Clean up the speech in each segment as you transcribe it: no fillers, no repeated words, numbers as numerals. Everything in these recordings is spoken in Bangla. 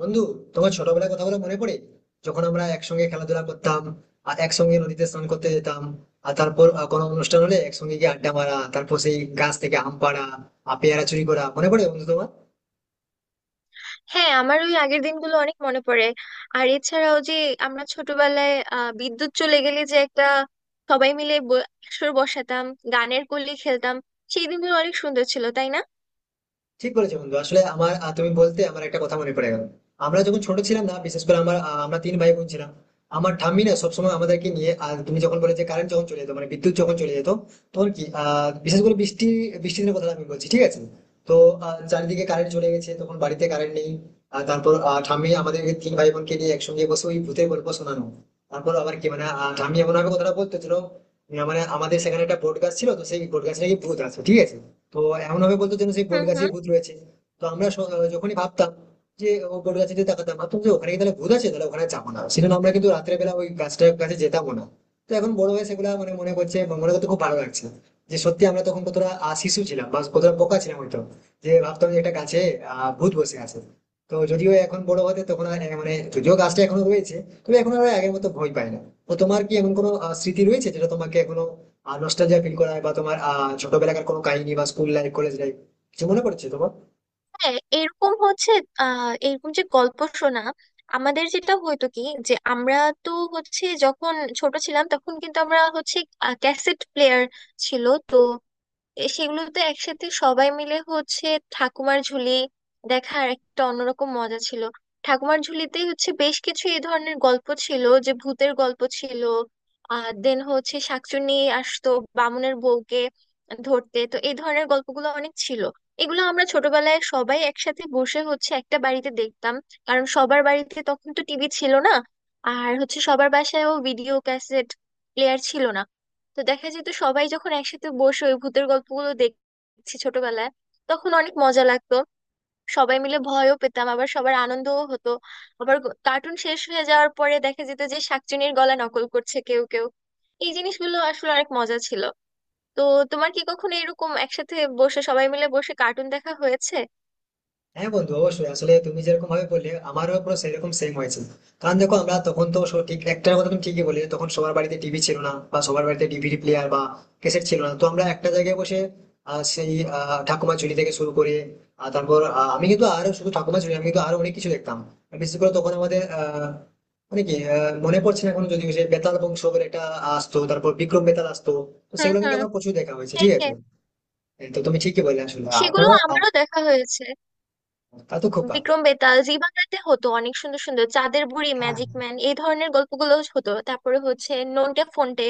বন্ধু, তোমার ছোটবেলার কথাগুলো মনে পড়ে যখন আমরা একসঙ্গে খেলাধুলা করতাম আর একসঙ্গে নদীতে স্নান করতে যেতাম? আর তারপর কোনো অনুষ্ঠান হলে একসঙ্গে গিয়ে আড্ডা মারা, তারপর সেই গাছ থেকে আম পাড়া আর পেয়ারা চুরি করা মনে পড়ে বন্ধু তোমার? হ্যাঁ, আমার ওই আগের দিনগুলো অনেক মনে পড়ে। আর এছাড়াও যে আমরা ছোটবেলায় বিদ্যুৎ চলে গেলে যে একটা সবাই মিলে আসর বসাতাম, গানের কলি খেলতাম। সেই দিনগুলো অনেক সুন্দর ছিল, তাই না? ঠিক বলেছো বন্ধু। আসলে আমার তুমি বলতে আমার একটা কথা মনে পড়ে গেল। আমরা যখন ছোট ছিলাম না, বিশেষ করে আমার আমরা তিন ভাই বোন ছিলাম। আমার ঠাম্মি না সবসময় আমাদেরকে নিয়ে, আর তুমি যখন বলে যে কারেন্ট যখন চলে যেত মানে বিদ্যুৎ যখন চলে যেত, তখন কি বিশেষ করে বৃষ্টি, বৃষ্টির দিনের কথা আমি বলছি ঠিক আছে। তো চারিদিকে কারেন্ট চলে গেছে, তখন বাড়িতে কারেন্ট নেই। আর তারপর ঠাম্মি আমাদেরকে তিন ভাই বোনকে নিয়ে একসঙ্গে বসে ওই ভূতের গল্প শোনানো। তারপর আবার কি মানে ঠাম্মি এমন ভাবে কথাটা বলতেছিল, মানে আমাদের সেখানে একটা বট গাছ ছিল, তো সেই বট গাছে নাকি ভূত আছে ঠিক আছে। তো এমন ভাবে বলতো যেন সেই বট হুম, গাছেই হুম। ভূত রয়েছে। তো আমরা যখনই ভাবতাম যে ও বট গাছে যদি তাকাতাম, ভাবতাম যে ওখানে কি তাহলে ভূত আছে, তাহলে ওখানে যাবো না, সেজন্য আমরা কিন্তু রাত্রে বেলা ওই গাছটার কাছে যেতাম না। তো এখন বড় হয়ে সেগুলা মানে মনে করছে এবং মনে করতে খুব ভালো লাগছে যে সত্যি আমরা তখন কতটা শিশু ছিলাম বা কতটা বোকা ছিলাম হয়তো, যে ভাবতাম যে একটা গাছে ভূত বসে আছে। তো যদিও এখন বড় হতে তখন আর, মানে যদিও গাছটা এখনো রয়েছে, তবে এখন আর আগের মতো ভয় পাই না। তো তোমার কি এমন কোনো স্মৃতি রয়েছে যেটা তোমাকে এখনো আর নস্টালজিয়া ফিল করায়, বা তোমার ছোটবেলাকার কোনো কাহিনী বা স্কুল লাইফ, কলেজ লাইফ কিছু মনে পড়ছে তোমার? হ্যাঁ, এরকম হচ্ছে। এরকম যে গল্প শোনা, আমাদের যেটা হয়তো কি, যে আমরা, তো হচ্ছে যখন ছোট ছিলাম তখন কিন্তু আমরা হচ্ছে ক্যাসেট প্লেয়ার ছিল তো, এ সেগুলোতে একসাথে সবাই মিলে হচ্ছে ঠাকুমার ঝুলি দেখার একটা অন্যরকম মজা ছিল। ঠাকুমার ঝুলিতেই হচ্ছে বেশ কিছু এই ধরনের গল্প ছিল, যে ভূতের গল্প ছিল। আর দেন হচ্ছে শাকচুন্নি আসতো বামুনের বউকে ধরতে, তো এই ধরনের গল্পগুলো অনেক ছিল। এগুলো আমরা ছোটবেলায় সবাই একসাথে বসে হচ্ছে একটা বাড়িতে দেখতাম, কারণ সবার বাড়িতে তখন তো টিভি ছিল না। আর হচ্ছে সবার বাসায়ও ভিডিও ক্যাসেট প্লেয়ার ছিল না। তো দেখা যেত সবাই যখন একসাথে বসে ওই ভূতের গল্পগুলো দেখছি ছোটবেলায়, তখন অনেক মজা লাগতো। সবাই মিলে ভয়ও পেতাম, আবার সবার আনন্দও হতো। আবার কার্টুন শেষ হয়ে যাওয়ার পরে দেখা যেত যে শাকচুনির গলা নকল করছে কেউ কেউ। এই জিনিসগুলো আসলে অনেক মজা ছিল। তো তোমার কি কখনো এরকম একসাথে বসে সবাই মিলে বসে কার্টুন দেখা হয়েছে? হ্যাঁ বন্ধু অবশ্যই। আসলে তুমি যেরকম ভাবে বললে আমারও পুরো সেরকম সেম হয়েছে। কারণ দেখো আমরা তখন তো সব ঠিক একটার কথা তুমি ঠিকই বললে, তখন সবার বাড়িতে টিভি ছিল না বা সবার বাড়িতে ডিভিডি প্লেয়ার বা ক্যাসেট ছিল না। তো আমরা একটা জায়গায় বসে আহ, সেই ঠাকুমা ঝুলি থেকে শুরু করে আমি কিন্তু আরো শুধু ঠাকুমা ঝুলি আমি কিন্তু আরো অনেক কিছু দেখতাম। আর বিশেষ করে তখন আমাদের আহ মানে কি আহ, মনে পড়ছে না এখন, যদি সেই বেতাল বংশ বলে একটা আসতো, তারপর বিক্রম বেতাল আসতো, তো হুম, সেগুলো কিন্তু হুম। আমার প্রচুর দেখা হয়েছে হ্যাঁ, ঠিক আছে। হ্যাঁ। হ্যাঁ, তো তুমি ঠিকই বললে আসলে। আর সেগুলো তাছাড়া আমারও দেখা হয়েছে। তা তো খোকা। বিক্রম বেতাল জি বাংলাতে হতো, অনেক সুন্দর সুন্দর চাঁদের বুড়ি, হ্যাঁ, ম্যাজিক ম্যান, এই ধরনের গল্পগুলো হতো। তারপরে হচ্ছে নন্টে ফন্টে,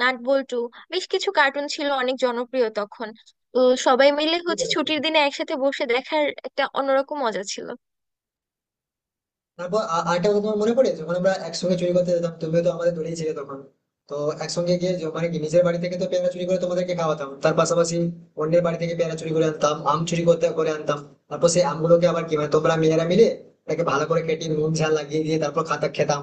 নাট বল্টু, বেশ কিছু কার্টুন ছিল অনেক জনপ্রিয় তখন। তো সবাই মিলে ঠিক হচ্ছে বলেছো। ছুটির দিনে একসাথে বসে দেখার একটা অন্যরকম মজা ছিল। তারপর আরেকটা কথা তোমার মনে পড়ে যখন আমরা একসঙ্গে চুরি করতে যেতাম, তুমিও তো আমাদের দড়িয়ে ছিলে তখন। তো একসঙ্গে গিয়ে মানে কি নিজের বাড়ি থেকে তো পেয়ারা চুরি করে তোমাদেরকে খাওয়াতাম, তার পাশাপাশি অন্যের বাড়ি থেকে পেয়ারা চুরি করে আনতাম, আম চুরি করতে করে আনতাম। তারপর সেই আমগুলোকে আবার কি মানে তোমরা মেয়েরা মিলে তাকে ভালো করে কেটে নুন ঝাল লাগিয়ে দিয়ে তারপর খাতা খেতাম।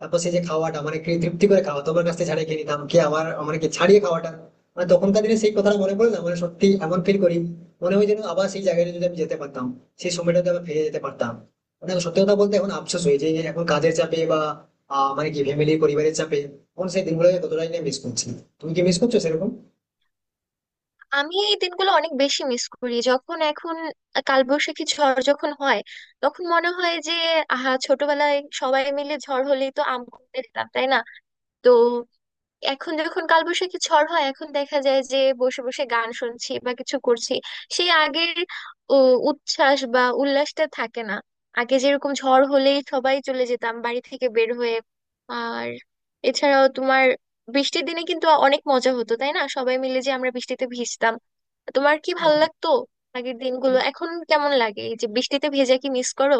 তারপর সেই যে খাওয়াটা মানে কি তৃপ্তি করে খাওয়া তোমার কাছ থেকে ছাড়িয়ে খেয়ে নিতাম কি আমার মানে কি ছাড়িয়ে খাওয়াটা, মানে তখনকার দিনে সেই কথাটা মনে পড়ে না মানে সত্যি এমন ফিল করি। মনে হয় যেন আবার সেই জায়গাটা যদি আমি যেতে পারতাম, সেই সময়টাতে আবার ফিরে যেতে পারতাম। মানে দেখো সত্যি কথা বলতে এখন আফসোস হয়েছে যে এখন কাজের চাপে বা মানে কি ফ্যামিলি পরিবারের চাপে এখন সেই দিনগুলো কতটাই না মিস করছি। তুমি কি মিস করছো সেরকম? আমি এই দিনগুলো অনেক বেশি মিস করি। যখন এখন কালবৈশাখী ঝড় যখন হয় তখন মনে হয় যে আহা, ছোটবেলায় সবাই মিলে ঝড় হলেই তো আম কুড়তে যেতাম, তাই না? তো এখন যখন কালবৈশাখী ঝড় হয় এখন দেখা যায় যে বসে বসে গান শুনছি বা কিছু করছি। সেই আগের ও, উচ্ছ্বাস বা উল্লাসটা থাকে না। আগে যেরকম ঝড় হলেই সবাই চলে যেতাম বাড়ি থেকে বের হয়ে। আর এছাড়াও তোমার বৃষ্টির দিনে কিন্তু অনেক মজা হতো, তাই না? সবাই মিলে যে আমরা বৃষ্টিতে ভিজতাম। তোমার কি ভালো হ্যাঁ, লাগতো আগের দিনগুলো? এখন কেমন লাগে এই যে বৃষ্টিতে ভেজা, কি মিস করো?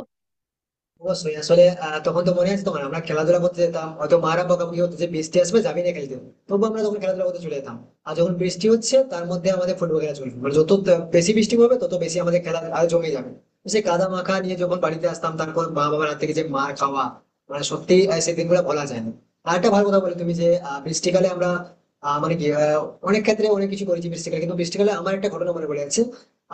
অবশ্যই। আসলে তখন তো মনে আছে তখন আমরা খেলাধুলা করতে যেতাম, হয়তো মারা বকাবকি হতো যে বৃষ্টি আসবে যাবি না খেলতে, তবু আমরা তখন খেলাধুলা করতে চলে যেতাম। আর যখন বৃষ্টি হচ্ছে তার মধ্যে আমাদের ফুটবল খেলা চলবে, মানে যত বেশি বৃষ্টি হবে তত বেশি আমাদের খেলা আর জমে যাবে। তো সেই কাদা মাখা নিয়ে যখন বাড়িতে আসতাম, তারপর মা বাবার হাত থেকে যে মার খাওয়া, মানে সত্যি সেই দিনগুলো বলা যায় না। আর একটা ভালো কথা বলে তুমি যে বৃষ্টিকালে আমরা আহ, মানে কি আহ, অনেক ক্ষেত্রে অনেক কিছু করেছি বৃষ্টিকালে, কিন্তু বৃষ্টিকালে আমার একটা ঘটনা মনে পড়ে যাচ্ছে।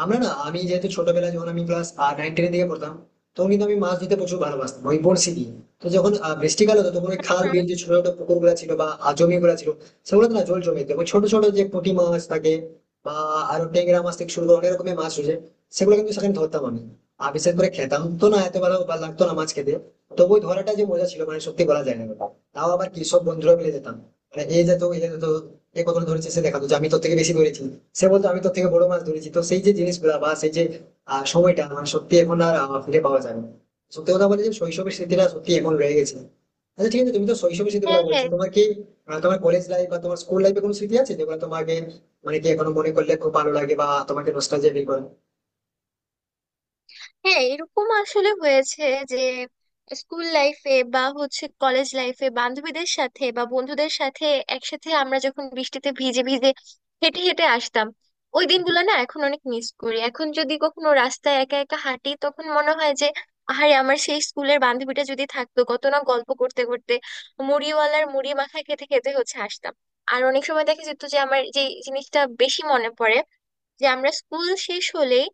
আমরা না আমি যেহেতু ছোটবেলায় যখন আমি ক্লাস নাইন টেনের দিকে পড়তাম, তখন কিন্তু আমি মাছ ধরতে প্রচুর ভালোবাসতাম ওই বড়শি দিয়ে। তো যখন বৃষ্টিকাল হতো তখন ওই খাল বিল, হুম। যে ছোট ছোট পুকুর গুলা ছিল বা জমি গুলা ছিল সেগুলো না জল জমে যেত, ওই ছোট ছোট যে পুঁটি মাছ থাকে বা আরো ট্যাংরা মাছ থেকে শুরু করে অনেক রকমের মাছ রয়েছে সেগুলো কিন্তু সেখানে ধরতাম আমি। আর বিশেষ করে খেতাম তো না, এত ভালো ভালো লাগতো না মাছ খেতে, তবু ওই ধরাটা যে মজা ছিল মানে সত্যি বলা যায় না ওটা। তাও আবার কি সব বন্ধুরা মিলে যেতাম, মানে এই যেত এই যেত, এ কত ধরেছে সে দেখাতো যে আমি তোর থেকে বেশি ধরেছি, সে বলতো আমি তোর থেকে বড় মাছ ধরেছি। তো সেই যে জিনিসগুলা বা সেই যে সময়টা, মানে সত্যি এখন আর ফিরে পাওয়া যায় না। সত্যি কথা বলে যে শৈশবের স্মৃতিটা সত্যি এখন রয়ে গেছে। আচ্ছা ঠিক আছে, তুমি তো শৈশবের স্মৃতিগুলো হ্যাঁ, বলছো, হ্যাঁ। তোমার কি তোমার কলেজ লাইফ বা তোমার স্কুল লাইফে কোনো স্মৃতি আছে যেগুলো তোমাকে মানে কি এখনো মনে করলে খুব ভালো লাগে বা তোমাকে নস্টালজিয়া ফিল করে? হ্যাঁ, এরকম আসলে হয়েছে যে স্কুল লাইফে বা হচ্ছে কলেজ লাইফে বান্ধবীদের সাথে বা বন্ধুদের সাথে একসাথে আমরা যখন বৃষ্টিতে ভিজে ভিজে হেঁটে হেঁটে আসতাম, ওই দিনগুলো না এখন অনেক মিস করি। এখন যদি কখনো রাস্তায় একা একা হাঁটি তখন মনে হয় যে আহারে, আমার সেই স্কুলের বান্ধবীটা যদি থাকতো কত না গল্প করতে করতে মুড়িওয়ালার মুড়ি মাখা খেতে খেতে হচ্ছে আসতাম। আর অনেক সময় দেখা যেত যে আমার যে জিনিসটা বেশি মনে পড়ে, যে আমরা স্কুল শেষ হলেই,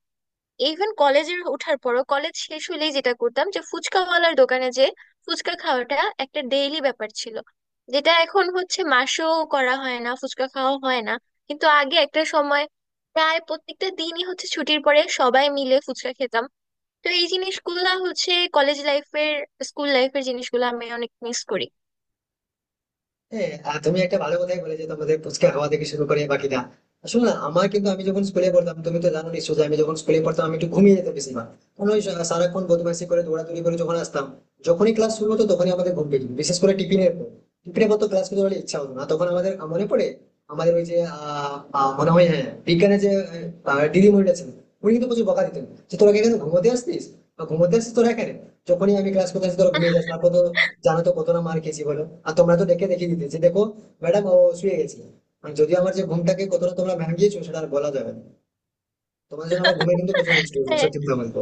ইভেন কলেজের ওঠার পরও কলেজ শেষ হলেই যেটা করতাম যে ফুচকাওয়ালার দোকানে যে ফুচকা খাওয়াটা একটা ডেইলি ব্যাপার ছিল, যেটা এখন হচ্ছে মাসেও করা হয় না, ফুচকা খাওয়া হয় না। কিন্তু আগে একটা সময় প্রায় প্রত্যেকটা দিনই হচ্ছে ছুটির পরে সবাই মিলে ফুচকা খেতাম। তো এই জিনিসগুলা হচ্ছে কলেজ লাইফের, স্কুল লাইফের জিনিসগুলো আমি অনেক মিস করি। হ্যাঁ। আর তুমি একটা ভালো কথাই বলে যে তোমাদের পুচকে হাওয়া থেকে শুরু করে বাকিটা, আসলে না, আমার কিন্তু আমি যখন স্কুলে পড়তাম, তুমি তো জানো নিশ্চয় যে আমি যখন স্কুলে পড়তাম আমি একটু ঘুমিয়ে যেতাম বেশিরভাগ, কারণ ওই সারাক্ষণ বদমাইশি করে দৌড়াদৌড়ি করে যখন আসতাম, যখনই ক্লাস শুরু হতো তখনই আমাদের ঘুম পেয়ে যেত। বিশেষ করে টিফিনের পর, টিফিনের পর তো ক্লাস করতে পারলে ইচ্ছা হতো না তখন আমাদের মনে পড়ে। আমাদের ওই যে আহ, আহ, মনে হয় হ্যাঁ বিজ্ঞানের যে দিদিমণিটা ছিল, উনি কিন্তু প্রচুর বকা দিতেন যে তোরা কি এখানে ঘুমোতে আসতিস বা ঘুমোতে আসতিস তোরা এখানে, যখনই আমি ক্লাস করতে আসি তোরা ঘুমিয়ে যাস। তারপর তো জানো তো কত না মার খেয়েছি বলো। আর তোমরা তো ডেকে দেখিয়ে দিতে যে দেখো ম্যাডাম ও শুয়ে গেছে। আর যদিও আমার যে ঘুমটাকে কতটা তোমরা ভাঙিয়েছো সেটা আর বলা যাবে না, তোমার জন্য আমার ঘুমে কিন্তু প্রচুর নষ্ট হয়েছে হ্যাঁ, সত্যি কথা বলবো।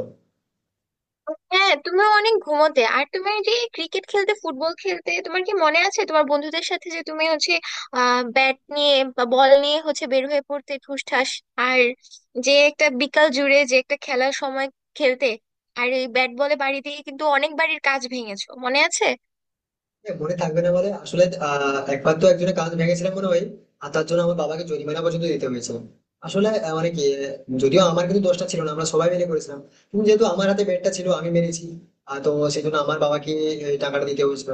হ্যাঁ, তুমিও অনেক ঘুমোতে। আর তুমি যে ক্রিকেট খেলতে, ফুটবল খেলতে, তোমার কি মনে আছে তোমার বন্ধুদের সাথে যে তুমি হচ্ছে ব্যাট নিয়ে বা বল নিয়ে হচ্ছে বের হয়ে পড়তে ঠুসঠাস, আর যে একটা বিকাল জুড়ে যে একটা খেলার সময় খেলতে, আর এই ব্যাট বলে বাড়ি দিয়ে কিন্তু অনেক বাড়ির কাজ ভেঙেছো, মনে আছে? হ্যাঁ, মনে থাকবে না বলে আসলে। একবার তো একজনের কাজ ভেঙেছিলাম মনে হয়, আর তার জন্য আমার বাবাকে জরিমানা পর্যন্ত দিতে হয়েছে। আসলে আহ, মানে কি আহ, যদিও আমার কিন্তু দোষটা ছিল না, আমরা সবাই মিলে করেছিলাম, কিন্তু যেহেতু আমার হাতে ব্যাটটা ছিল আমি মেরেছি, আর তো সেই জন্য আমার বাবাকে এই টাকাটা দিতে হয়েছিল।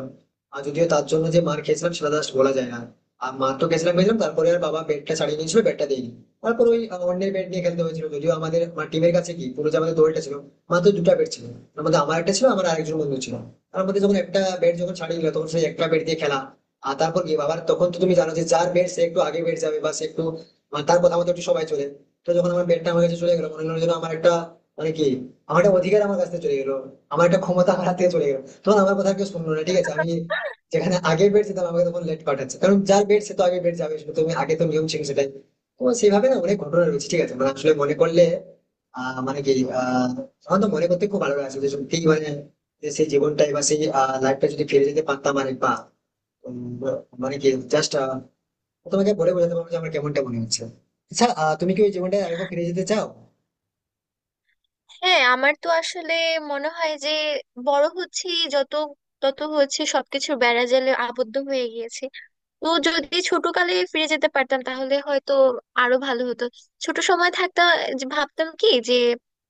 আর যদিও তার জন্য যে মার খেয়েছিলাম সেটা জাস্ট বলা যায় না। আর মার তো খেয়েছিলাম খেয়েছিলাম, তারপরে আর বাবা ব্যাটটা ছাড়িয়ে নিয়েছিল, ব্যাটটা দেয়নি। তারপর ওই অন্যের ব্যাট নিয়ে খেলতে হয়েছিল, যদিও আমাদের আমার টিমের কাছে কি পুরো যে আমাদের দলটা ছিল মাত্র দুটো ব্যাট ছিল। তার মধ্যে আমার একটা ছিল, আমার আরেকজন বন্ধু ছিল, তার মধ্যে যখন একটা ব্যাট যখন ছাড়িয়ে নিল তখন সেই একটা ব্যাট দিয়ে খেলা। আর তারপর কি বাবার তখন তো তুমি জানো যে যার ব্যাট সে একটু আগে ব্যাট যাবে, বা সে একটু মানে তার কথা মতো একটু সবাই চলে। তো যখন আমার ব্যাটটা আমার কাছে চলে গেলো মনে হলো যেন আমার একটা মানে কি আমার একটা অধিকার আমার কাছ থেকে চলে গেলো, আমার একটা ক্ষমতা আমার হাত থেকে চলে গেলো, তখন আমার কথা কেউ শুনলো না ঠিক আছে। আমি যেখানে আগে বেড যেতাম আমাকে তখন লেট পাঠাচ্ছে, কারণ যার বেড সে তো আগে বেড যাবে, শুধু তুমি আগে, তো নিয়ম ছিল সেটাই। তো সেভাবে না অনেক ঘটনা রয়েছে ঠিক আছে, মানে আসলে মনে করলে আহ মানে কি আহ আমার তো মনে করতে খুব ভালো লাগছে যে সত্যি মানে, যে সেই জীবনটাই বা সেই লাইফটা যদি ফিরে যেতে পারতাম আর বা মানে কি জাস্ট তোমাকে বলে বোঝাতে পারবো যে আমার কেমনটা মনে হচ্ছে। আচ্ছা তুমি কি ওই জীবনটায় আরেকবার ফিরে যেতে চাও? হ্যাঁ, আমার তো আসলে মনে হয় যে বড় হচ্ছি যত, তত হচ্ছে সবকিছু বেড়াজালে আবদ্ধ হয়ে গিয়েছে। তো যদি ছোটকালে ফিরে যেতে পারতাম তাহলে হয়তো আরো ভালো হতো। ছোট সময় থাকতে যে ভাবতাম কি, যে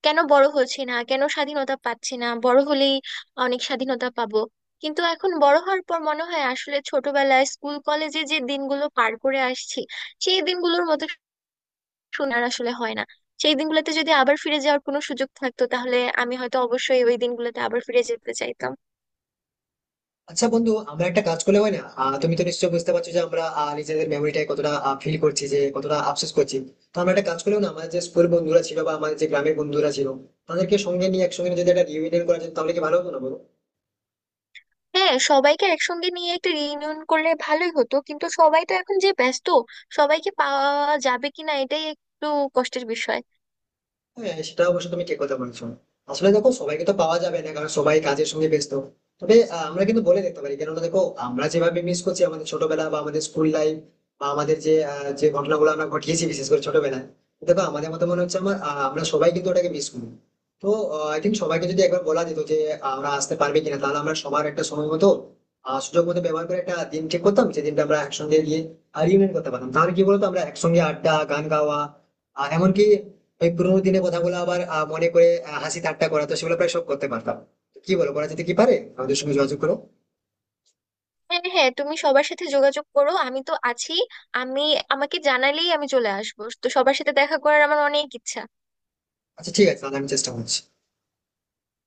কেন বড় হচ্ছি না, কেন স্বাধীনতা পাচ্ছি না, বড় হলেই অনেক স্বাধীনতা পাবো। কিন্তু এখন বড় হওয়ার পর মনে হয় আসলে ছোটবেলায় স্কুল কলেজে যে দিনগুলো পার করে আসছি সেই দিনগুলোর মতো সোনার আসলে হয় না। সেই দিনগুলোতে যদি আবার ফিরে যাওয়ার কোনো সুযোগ থাকতো তাহলে আমি হয়তো অবশ্যই ওই দিনগুলোতে আবার ফিরে যেতে চাইতাম। আচ্ছা বন্ধু, আমরা একটা কাজ করলে হয় না, তুমি তো নিশ্চয়ই বুঝতে পারছো যে আমরা নিজেদের মেমোরিটাই কতটা ফিল করছি, যে কতটা আফসোস করছি। তো আমরা একটা কাজ করলেও না, আমাদের যে স্কুল বন্ধুরা ছিল বা আমাদের যে গ্রামের বন্ধুরা ছিল তাদেরকে সঙ্গে নিয়ে একসঙ্গে যদি একটা রিউনিয়ন করা যেত তাহলে কি ভালো হতো না বলো? হ্যাঁ, সবাইকে একসঙ্গে নিয়ে একটা রিইউনিয়ন করলে ভালোই হতো, কিন্তু সবাই তো এখন যে ব্যস্ত, সবাইকে পাওয়া যাবে কিনা এটাই একটু কষ্টের বিষয়। হ্যাঁ সেটা অবশ্য তুমি ঠিক কথা বলেছো। আসলে দেখো সবাইকে তো পাওয়া যাবে না কারণ সবাই কাজের সঙ্গে ব্যস্ত। তবে আমরা কিন্তু বলে দেখতে পারি, কেননা দেখো আমরা যেভাবে মিস করছি আমাদের ছোটবেলা বা আমাদের স্কুল লাইফ বা আমাদের যে যে ঘটনাগুলো আমরা ঘটিয়েছি বিশেষ করে ছোটবেলায়, দেখো আমাদের মতো মনে হচ্ছে আমার আমরা সবাই কিন্তু ওটাকে মিস করি। তো আই থিঙ্ক সবাইকে যদি একবার বলা যেত যে আমরা আসতে পারবে কিনা, তাহলে আমরা সবার একটা সময় মতো সুযোগ মতো ব্যবহার করে একটা দিন ঠিক করতাম, যে দিনটা আমরা একসঙ্গে গিয়ে রিউনিয়ন করতে পারতাম। তাহলে কি বলতো আমরা একসঙ্গে আড্ডা, গান গাওয়া, এমনকি ওই পুরোনো দিনে কথাগুলো আবার মনে করে হাসি ঠাট্টা করা, তো সেগুলো প্রায় সব করতে পারতাম। তো কি বলো করা যেতে কি পারে? আমাদের সঙ্গে যোগাযোগ করো। হ্যাঁ, হ্যাঁ, তুমি সবার সাথে যোগাযোগ করো, আমি তো আছি। আমি, আমাকে জানালেই আমি চলে আসবো, তো সবার সাথে দেখা করার আমার অনেক ইচ্ছা। আচ্ছা ঠিক আছে, তাহলে আমি চেষ্টা করছি।